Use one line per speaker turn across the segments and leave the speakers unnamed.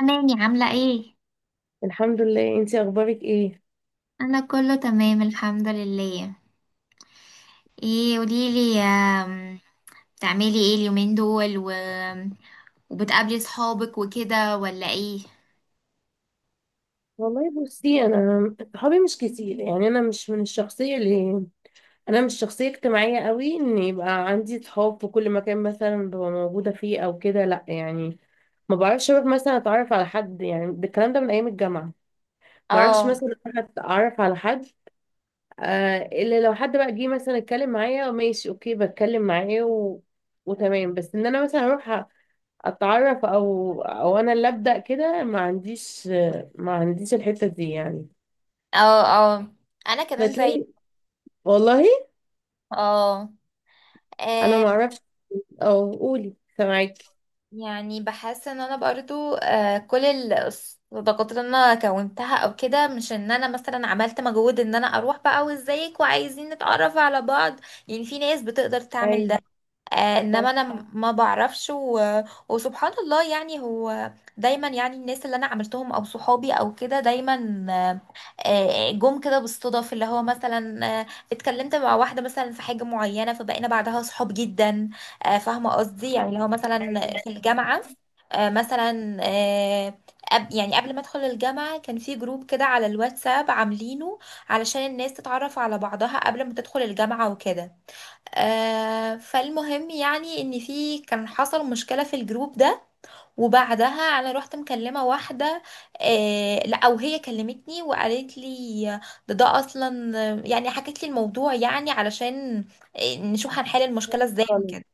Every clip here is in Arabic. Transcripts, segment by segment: أمان يا عاملة ايه؟
الحمد لله، انتي اخبارك ايه؟
أنا كله تمام الحمد لله. ايه قوليلي، بتعملي ايه اليومين دول وبتقابلي صحابك وكده ولا ايه؟
والله بصي، انا صحابي مش كتير يعني، انا مش من الشخصيه اللي انا مش شخصيه اجتماعيه قوي ان يبقى عندي صحاب في كل مكان مثلا ببقى موجوده فيه او كده، لا يعني. ما بعرفش اروح مثلا اتعرف على حد يعني، ده الكلام ده من ايام الجامعه. ما اعرفش
اه.
مثلا اروح اتعرف على حد. آه، الا لو حد بقى جه مثلا اتكلم معايا، ماشي اوكي، بتكلم معاه و... وتمام. بس ان انا مثلا اروح اتعرف او انا اللي ابدا كده، ما عنديش الحته دي يعني.
اه. اه. انا كمان زي،
بتلاقي، والله
اه
انا ما
آم،
اعرفش، او قولي، سامعاكي.
يعني بحس ان انا برضو كل الصداقات اللي انا كونتها او كده، مش ان انا مثلا عملت مجهود ان انا اروح بقى وازيك وعايزين نتعرف على بعض. يعني في ناس بتقدر تعمل ده.
ايوه. صح.
انما انا ما بعرفش وسبحان الله، يعني هو دايما، يعني الناس اللي انا عملتهم او صحابي او كده دايما، جم كده بالصدف، اللي هو مثلا اتكلمت مع واحده مثلا في حاجه معينه، فبقينا بعدها صحاب جدا. فاهمه قصدي؟ يعني اللي هو مثلا في الجامعه، آه، مثلا آه، يعني قبل ما ادخل الجامعه كان في جروب كده على الواتساب عاملينه، علشان الناس تتعرف على بعضها قبل ما تدخل الجامعه وكده. فالمهم يعني ان في كان حصل مشكلة في الجروب ده، وبعدها انا رحت مكلمة واحدة. لا، او هي كلمتني وقالت لي، ده اصلا، يعني حكت لي الموضوع، يعني علشان نشوف هنحل المشكلة ازاي
خالص
وكده.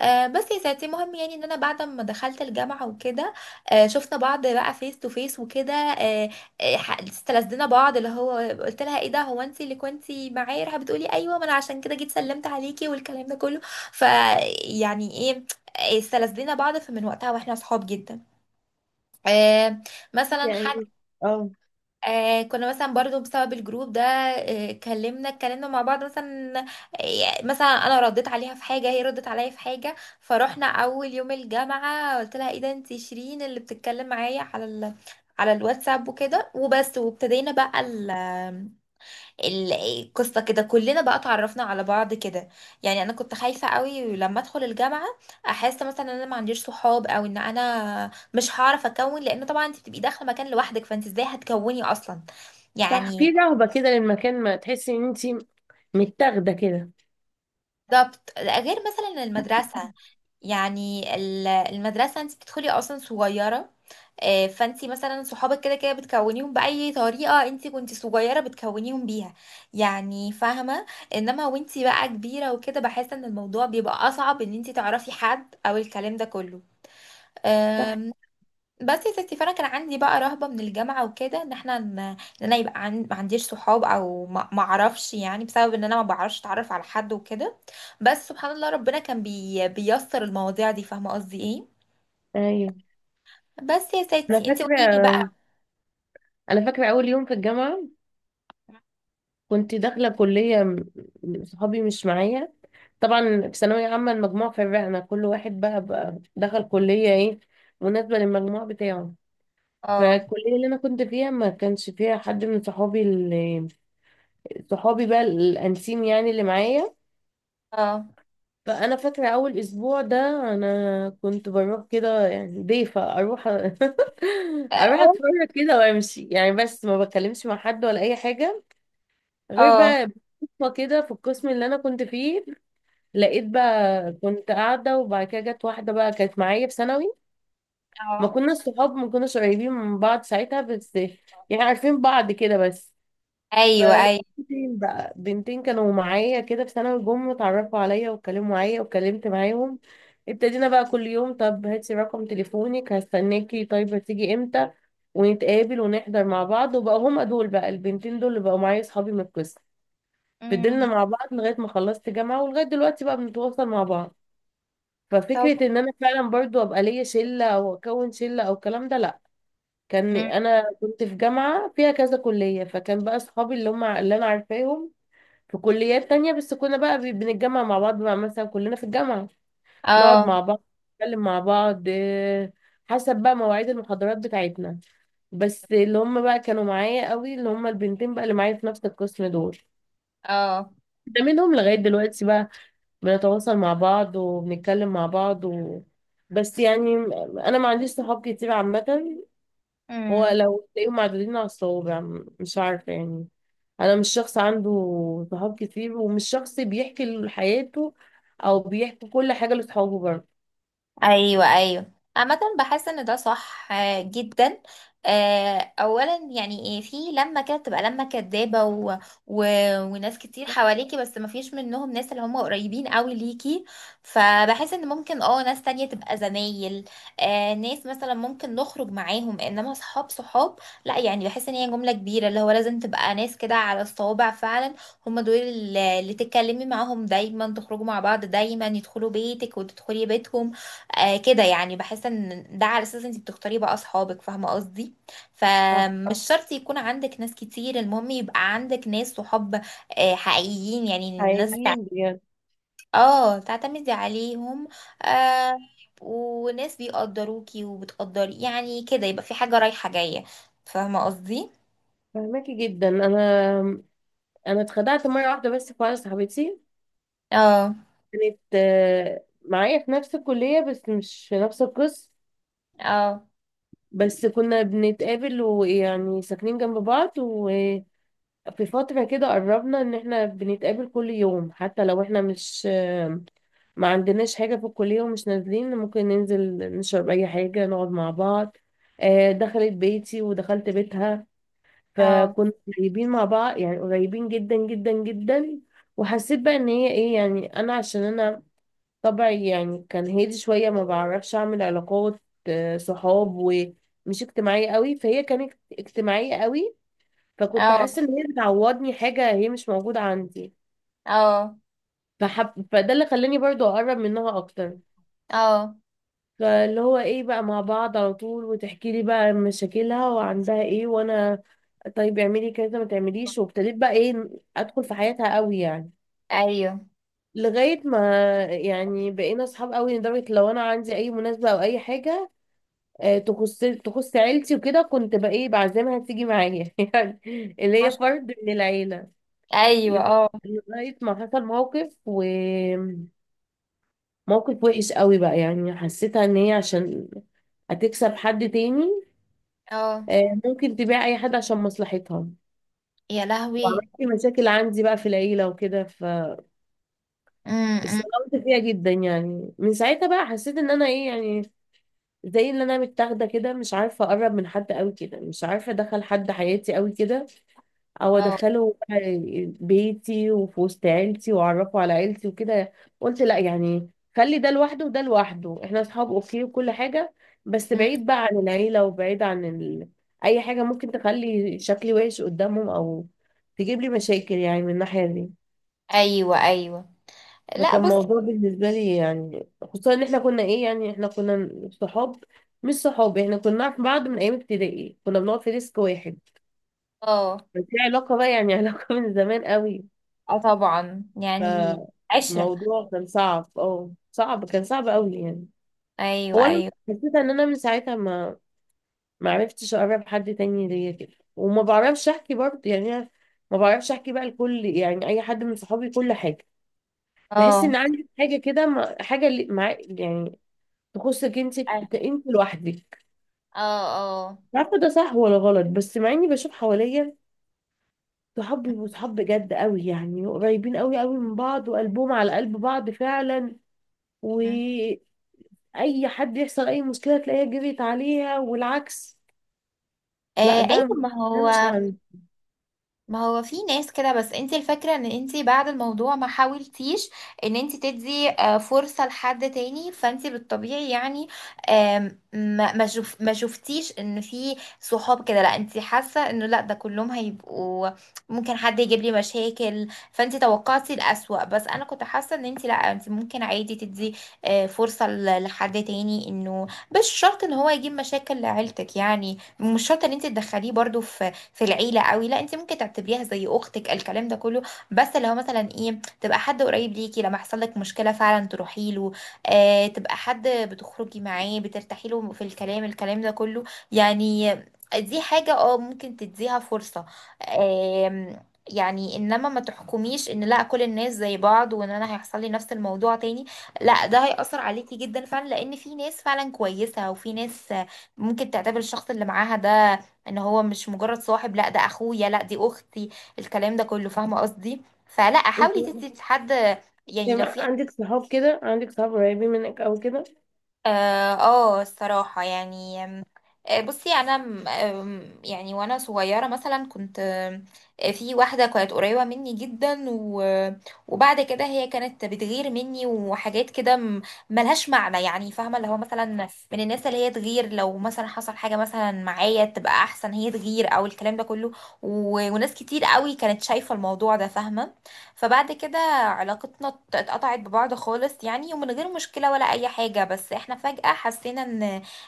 بس يا ساتي، المهم يعني ان انا بعد ما دخلت الجامعه وكده، شفنا بعض بقى فيس تو فيس وكده. استلذنا بعض، اللي هو قلت لها ايه ده، هو انت اللي كنتي معايا؟ راح بتقولي ايوه، ما انا عشان كده جيت سلمت عليكي والكلام ده كله. ف يعني ايه، استلذنا بعض، فمن وقتها واحنا صحاب جدا. آه. مثلا حاجه،
يعني. اه
كنا مثلا برضو بسبب الجروب ده، آه كلمنا اتكلمنا مع بعض مثلا، مثلا انا رديت عليها في حاجه، هي ردت عليا في حاجه. فروحنا اول يوم الجامعه قلت لها ايه ده، انت شيرين اللي بتتكلم معايا على على الواتساب وكده، وبس. وابتدينا بقى القصه كده، كلنا بقى اتعرفنا على بعض كده. يعني انا كنت خايفه قوي لما ادخل الجامعه، احس مثلا ان انا ما عنديش صحاب، او ان انا مش هعرف اكون، لان طبعا انت بتبقي داخله مكان لوحدك، فانت ازاي هتكوني اصلا؟
صح،
يعني
في رهبه كده للمكان، ما تحسي ان انت متاخده كده.
بالظبط، غير مثلا المدرسة، يعني المدرسة انت بتدخلي اصلا صغيرة، فانت مثلا صحابك كده كده بتكونيهم بأي طريقة، انت كنت صغيرة بتكونيهم بيها. يعني فاهمة؟ انما وانت بقى كبيرة وكده، بحس ان الموضوع بيبقى اصعب، ان انت تعرفي حد او الكلام ده
صح.
كله. بس يا ستي، فانا كان عندي بقى رهبه من الجامعه وكده، ان احنا ان انا يبقى ما عنديش صحاب، او ما اعرفش يعني، بسبب ان انا ما بعرفش اتعرف على حد وكده. بس سبحان الله، ربنا كان بيسر المواضيع دي. فاهمه قصدي ايه؟
ايوه،
بس يا
انا
ستي، انت
فاكره
قولي لي بقى.
انا فاكره اول يوم في الجامعه، كنت داخلة كلية، صحابي مش معايا. طبعا في ثانوية عامة، المجموع فرقنا، كل واحد بقى دخل كلية ايه مناسبة للمجموع بتاعه.
اه.
فالكلية اللي أنا كنت فيها ما كانش فيها حد من صحابي، اللي صحابي بقى الأنسيم يعني اللي معايا.
اه.
فأنا فاكرة أول أسبوع ده أنا كنت بروح كده يعني ضيفة، أروح أروح
اه.
أتفرج كده وأمشي يعني، بس ما بتكلمش مع حد ولا أي حاجة.
اه.
غير
اه.
بقى صدفة كده في القسم اللي انا كنت فيه، لقيت بقى، كنت قاعدة وبعد كده جت واحدة بقى كانت معايا في ثانوي. ما
آه.
كنا صحاب، ما كناش قريبين من بعض ساعتها، بس يعني عارفين بعض كده بس.
ايوه.
فلقيت
ايوه.
بنتين، بقى بنتين كانوا معايا كده في ثانوي، جم اتعرفوا عليا واتكلموا معايا واتكلمت معاهم. ابتدينا بقى كل يوم، طب هاتي رقم تليفونك، هستناكي، طيب هتيجي امتى، ونتقابل ونحضر مع بعض. وبقى هما دول بقى البنتين دول اللي بقوا معايا صحابي من القسم. فضلنا
امم.
مع بعض لغاية ما خلصت جامعة، ولغاية دلوقتي بقى بنتواصل مع بعض.
طب.
ففكرة ان انا فعلا برضو ابقى ليا شلة او اكون شلة او الكلام ده، لا. كان
مم.
انا كنت في جامعة فيها كذا كلية، فكان بقى اصحابي اللي هم اللي انا عارفاهم في كليات تانية، بس كنا بقى بنتجمع مع بعض بقى، مثلا كلنا في الجامعة نقعد
اه.
مع بعض، نتكلم مع بعض، حسب بقى مواعيد المحاضرات بتاعتنا. بس اللي هم بقى كانوا معايا قوي اللي هم البنتين بقى اللي معايا في نفس القسم دول،
اه.
ده منهم لغاية دلوقتي بقى بنتواصل مع بعض وبنتكلم مع بعض. و... بس يعني انا ما عنديش صحاب كتير عامة، هو
مم.
لو تلاقيهم معدودين على الصوابع، مش عارفة يعني. انا مش شخص عنده صحاب كتير، ومش شخص بيحكي حياته او بيحكي كل حاجة لصحابه برضه.
ايوه. ايوه. عامة بحس ان ده صح جدا. اولا يعني ايه في، لما كده تبقى لما كدابه و... وناس كتير حواليكي، بس ما فيش منهم ناس اللي هم قريبين قوي ليكي. فبحس ان ممكن اه ناس تانية تبقى زمايل، ناس مثلا ممكن نخرج معاهم، انما صحاب صحاب، لا. يعني بحس ان هي جملة كبيرة، اللي هو لازم تبقى ناس كده على الصوابع فعلا، هم دول اللي تتكلمي معاهم دايما، تخرجوا مع بعض دايما، يدخلوا بيتك وتدخلي بيتهم. كده يعني، بحس ان ده على اساس انت بتختاري بقى اصحابك. فاهمه قصدي؟
صح.
فمش شرط يكون عندك ناس كتير، المهم يبقى عندك ناس صحاب حقيقيين، يعني الناس
حقيقيين بجد.
اه تعتمدي عليهم، آه وناس بيقدروكي وبتقدري يعني كده، يبقى في حاجه رايحه جايه. فاهمه قصدي؟
فهماكي جدا. انا اتخدعت مرة واحدة، بس في واحدة صاحبتي،
اه.
كانت معايا في نفس الكلية بس مش في نفس القسم.
اه.
بس كنا بنتقابل ويعني ساكنين جنب بعض، وفي فترة كده قربنا ان احنا بنتقابل كل يوم، حتى لو احنا مش ما عندناش حاجة في الكلية ومش نازلين، ممكن ننزل نشرب اي حاجة، نقعد مع بعض. دخلت بيتي ودخلت بيتها،
اه.
فكنا قريبين مع بعض يعني، قريبين جدا جدا جدا. وحسيت بقى ان هي ايه يعني، انا عشان انا طبعي يعني كان هادي شوية، ما بعرفش أعمل علاقات صحاب، ومش اجتماعية قوي، فهي كانت اجتماعية قوي. فكنت
اه.
حاسة إن هي بتعوضني حاجة هي مش موجودة عندي،
اه.
فده اللي خلاني برضو أقرب منها أكتر.
اه.
فاللي هو إيه، بقى مع بعض على طول، وتحكي لي بقى مشاكلها وعندها إيه، وأنا طيب اعملي كذا ما تعمليش، وابتديت بقى إيه، أدخل في حياتها قوي يعني.
ايوه.
لغاية ما يعني بقينا أصحاب قوي، لدرجة لو أنا عندي أي مناسبة أو أي حاجة تخص عيلتي وكده، كنت بقى ايه بعزمها تيجي معايا يعني، اللي
ما
هي
شاء-
فرد من العيلة.
الله. ايوه.
لد-
اه.
لغاية ما حصل موقف، وموقف وحش قوي بقى يعني، حسيتها ان هي عشان هتكسب حد تاني
اه.
ممكن تبيع اي حد عشان مصلحتها.
يا لهوي.
وعملت مشاكل عندي بقى في العيلة وكده، فاستغربت
امم.
فيها جدا يعني. من ساعتها بقى حسيت ان انا ايه يعني، زي اللي انا متاخده كده، مش عارفه اقرب من حد قوي كده، مش عارفه ادخل حد حياتي قوي كده، او
اه.
ادخله بقى بيتي وفي وسط عيلتي واعرفه على عيلتي وكده. قلت لا يعني، خلي ده لوحده وده لوحده، احنا اصحاب اوكي وكل حاجة، بس بعيد بقى عن العيلة، وبعيد عن اي حاجة ممكن تخلي شكلي وحش قدامهم، او تجيب لي مشاكل يعني من الناحية دي.
ايوه. ايوه. لا
فكان
بصي.
موضوع بالنسبة لي يعني، خصوصا ان احنا كنا ايه يعني، احنا كنا صحاب، مش صحاب، احنا كنا نعرف بعض من ايام ابتدائي، كنا بنقعد في ديسك واحد.
اه.
بس دي علاقة بقى يعني علاقة من زمان قوي.
اه. طبعا يعني عشرة.
فموضوع كان صعب، صعب، كان صعب قوي يعني.
ايوه.
هو انا
ايوه.
حسيت ان انا من ساعتها ما عرفتش اقرب حد تاني ليا كده، وما بعرفش احكي برضه يعني. أنا ما بعرفش احكي بقى لكل يعني اي حد من صحابي كل حاجه، بحس
اه.
ان عندي حاجه كده، حاجه اللي مع يعني تخصك انت،
اه.
انت لوحدك.
اه. آه.
مش عارفه ده صح ولا غلط، بس مع اني بشوف حواليا
م-
صحابي، وصحاب بجد قوي يعني قريبين قوي قوي من بعض وقلبهم على قلب بعض فعلا، و
م.
اي حد يحصل اي مشكله تلاقيها جريت عليها والعكس. لا، ده
ايوه ما
ده
هو،
مش عندي.
ما هو في ناس كده. بس انت الفكرة ان انت بعد الموضوع ما حاولتيش ان انت تدي فرصة لحد تاني. فانت بالطبيعي يعني، آم، ما ما شوف ما شفتيش ان في صحاب كده، لا انت حاسة انه لا ده كلهم هيبقوا ممكن حد يجيب لي مشاكل. فانت توقعتي الأسوأ، بس انا كنت حاسة ان انت لا، انت ممكن عادي تدي فرصة لحد تاني، انه مش شرط ان هو يجيب مشاكل لعيلتك. يعني مش شرط ان انت تدخليه برضو في العيله قوي، لا انت ممكن تعتبريها زي اختك، الكلام ده كله. بس لو مثلا ايه، تبقى حد قريب ليكي، لما يحصل لك مشكله فعلا تروحي له، تبقى حد بتخرجي معاه، بترتاحي له في الكلام، الكلام ده كله يعني. دي حاجه اه ممكن تديها فرصه. آم، يعني انما ما تحكميش ان لا كل الناس زي بعض، وان انا هيحصل لي نفس الموضوع تاني، لا ده هيأثر عليكي جدا فعلا، لان في ناس فعلا كويسة، وفي ناس ممكن تعتبر الشخص اللي معاها ده ان هو مش مجرد صاحب، لا ده اخويا، لا دي اختي، الكلام ده كله. فاهمه قصدي؟ فلا،
انت
حاولي تدي لحد يعني.
يعني
لو في
عندك صحاب كده، عندك صحاب قريبين منك او كده؟
اه الصراحة يعني، آم، آه، بصي انا م- آم، يعني وانا صغيرة مثلا كنت، آم، آه، في واحدة كانت قريبة مني جدا، وبعد كده هي كانت بتغير مني، وحاجات كده ملهاش معنى. يعني فاهمة؟ اللي هو مثلا من الناس اللي هي تغير، لو مثلا حصل حاجة مثلا معايا تبقى احسن، هي تغير او الكلام ده كله. وناس كتير قوي كانت شايفة الموضوع ده. فاهمة؟ فبعد كده علاقتنا اتقطعت ببعض خالص يعني، ومن غير مشكلة ولا أي حاجة، بس احنا فجأة حسينا ان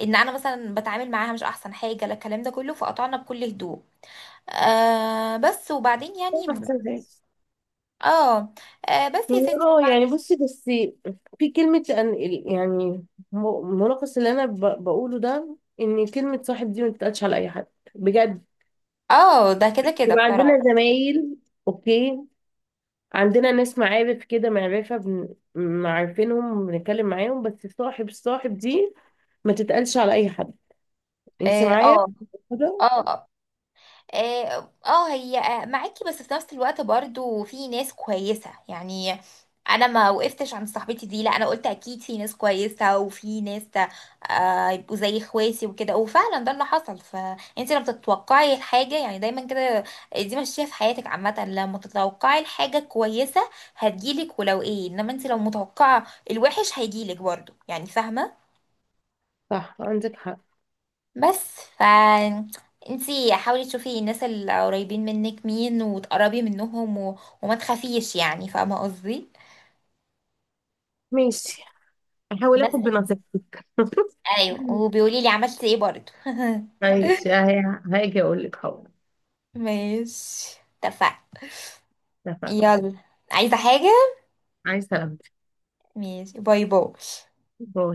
أنا مثلا بتعامل معاها مش أحسن حاجة، لا الكلام ده كله، فقطعنا بكل هدوء. بس وبعدين
ده
يعني
احسن حاجه.
اه، بس يا
يعني
ستي وبعد.
يعني بصي، بس في كلمه يعني، ملخص اللي انا بقوله ده، ان كلمه صاحب دي ما بتتقالش على اي حد بجد.
اه، ده كده كده
يبقى
بصراحة.
عندنا زمايل اوكي، عندنا ناس معارف كده، معرفه معارفينهم بنتكلم معاهم، بس صاحب، الصاحب دي ما تتقالش على اي حد. انت
اه.
معايا
اه.
كده؟
اه. آه. اه. هي معاكي، بس في نفس الوقت برضو في ناس كويسة يعني. انا ما وقفتش عند صاحبتي دي، لا انا قلت اكيد في ناس كويسة، وفي ناس يبقوا زي اخواتي وكده، وفعلا ده اللي حصل. فانت لما تتوقعي الحاجة يعني دايما كده، دي ماشية في حياتك عامة، لما تتوقعي الحاجة كويسة هتجيلك، ولو ايه. انما انت لو متوقعة الوحش هيجيلك برضو. يعني فاهمة؟
صح عندك حق.
بس انتي حاولي تشوفي الناس اللي قريبين منك مين، وتقربي منهم وما تخافيش. يعني فاهمة قصدي؟
ماشي، هحاول
بس
اخد بنصيحتك
ايوه، وبيقولي لي عملت ايه برضو
ماشي، هاجي اقول لك حاضر.
ماشي. اتفقنا.
اتفقنا.
يلا. عايزة حاجة؟
عايز سلامتك.
ماشي، باي باي.
باي.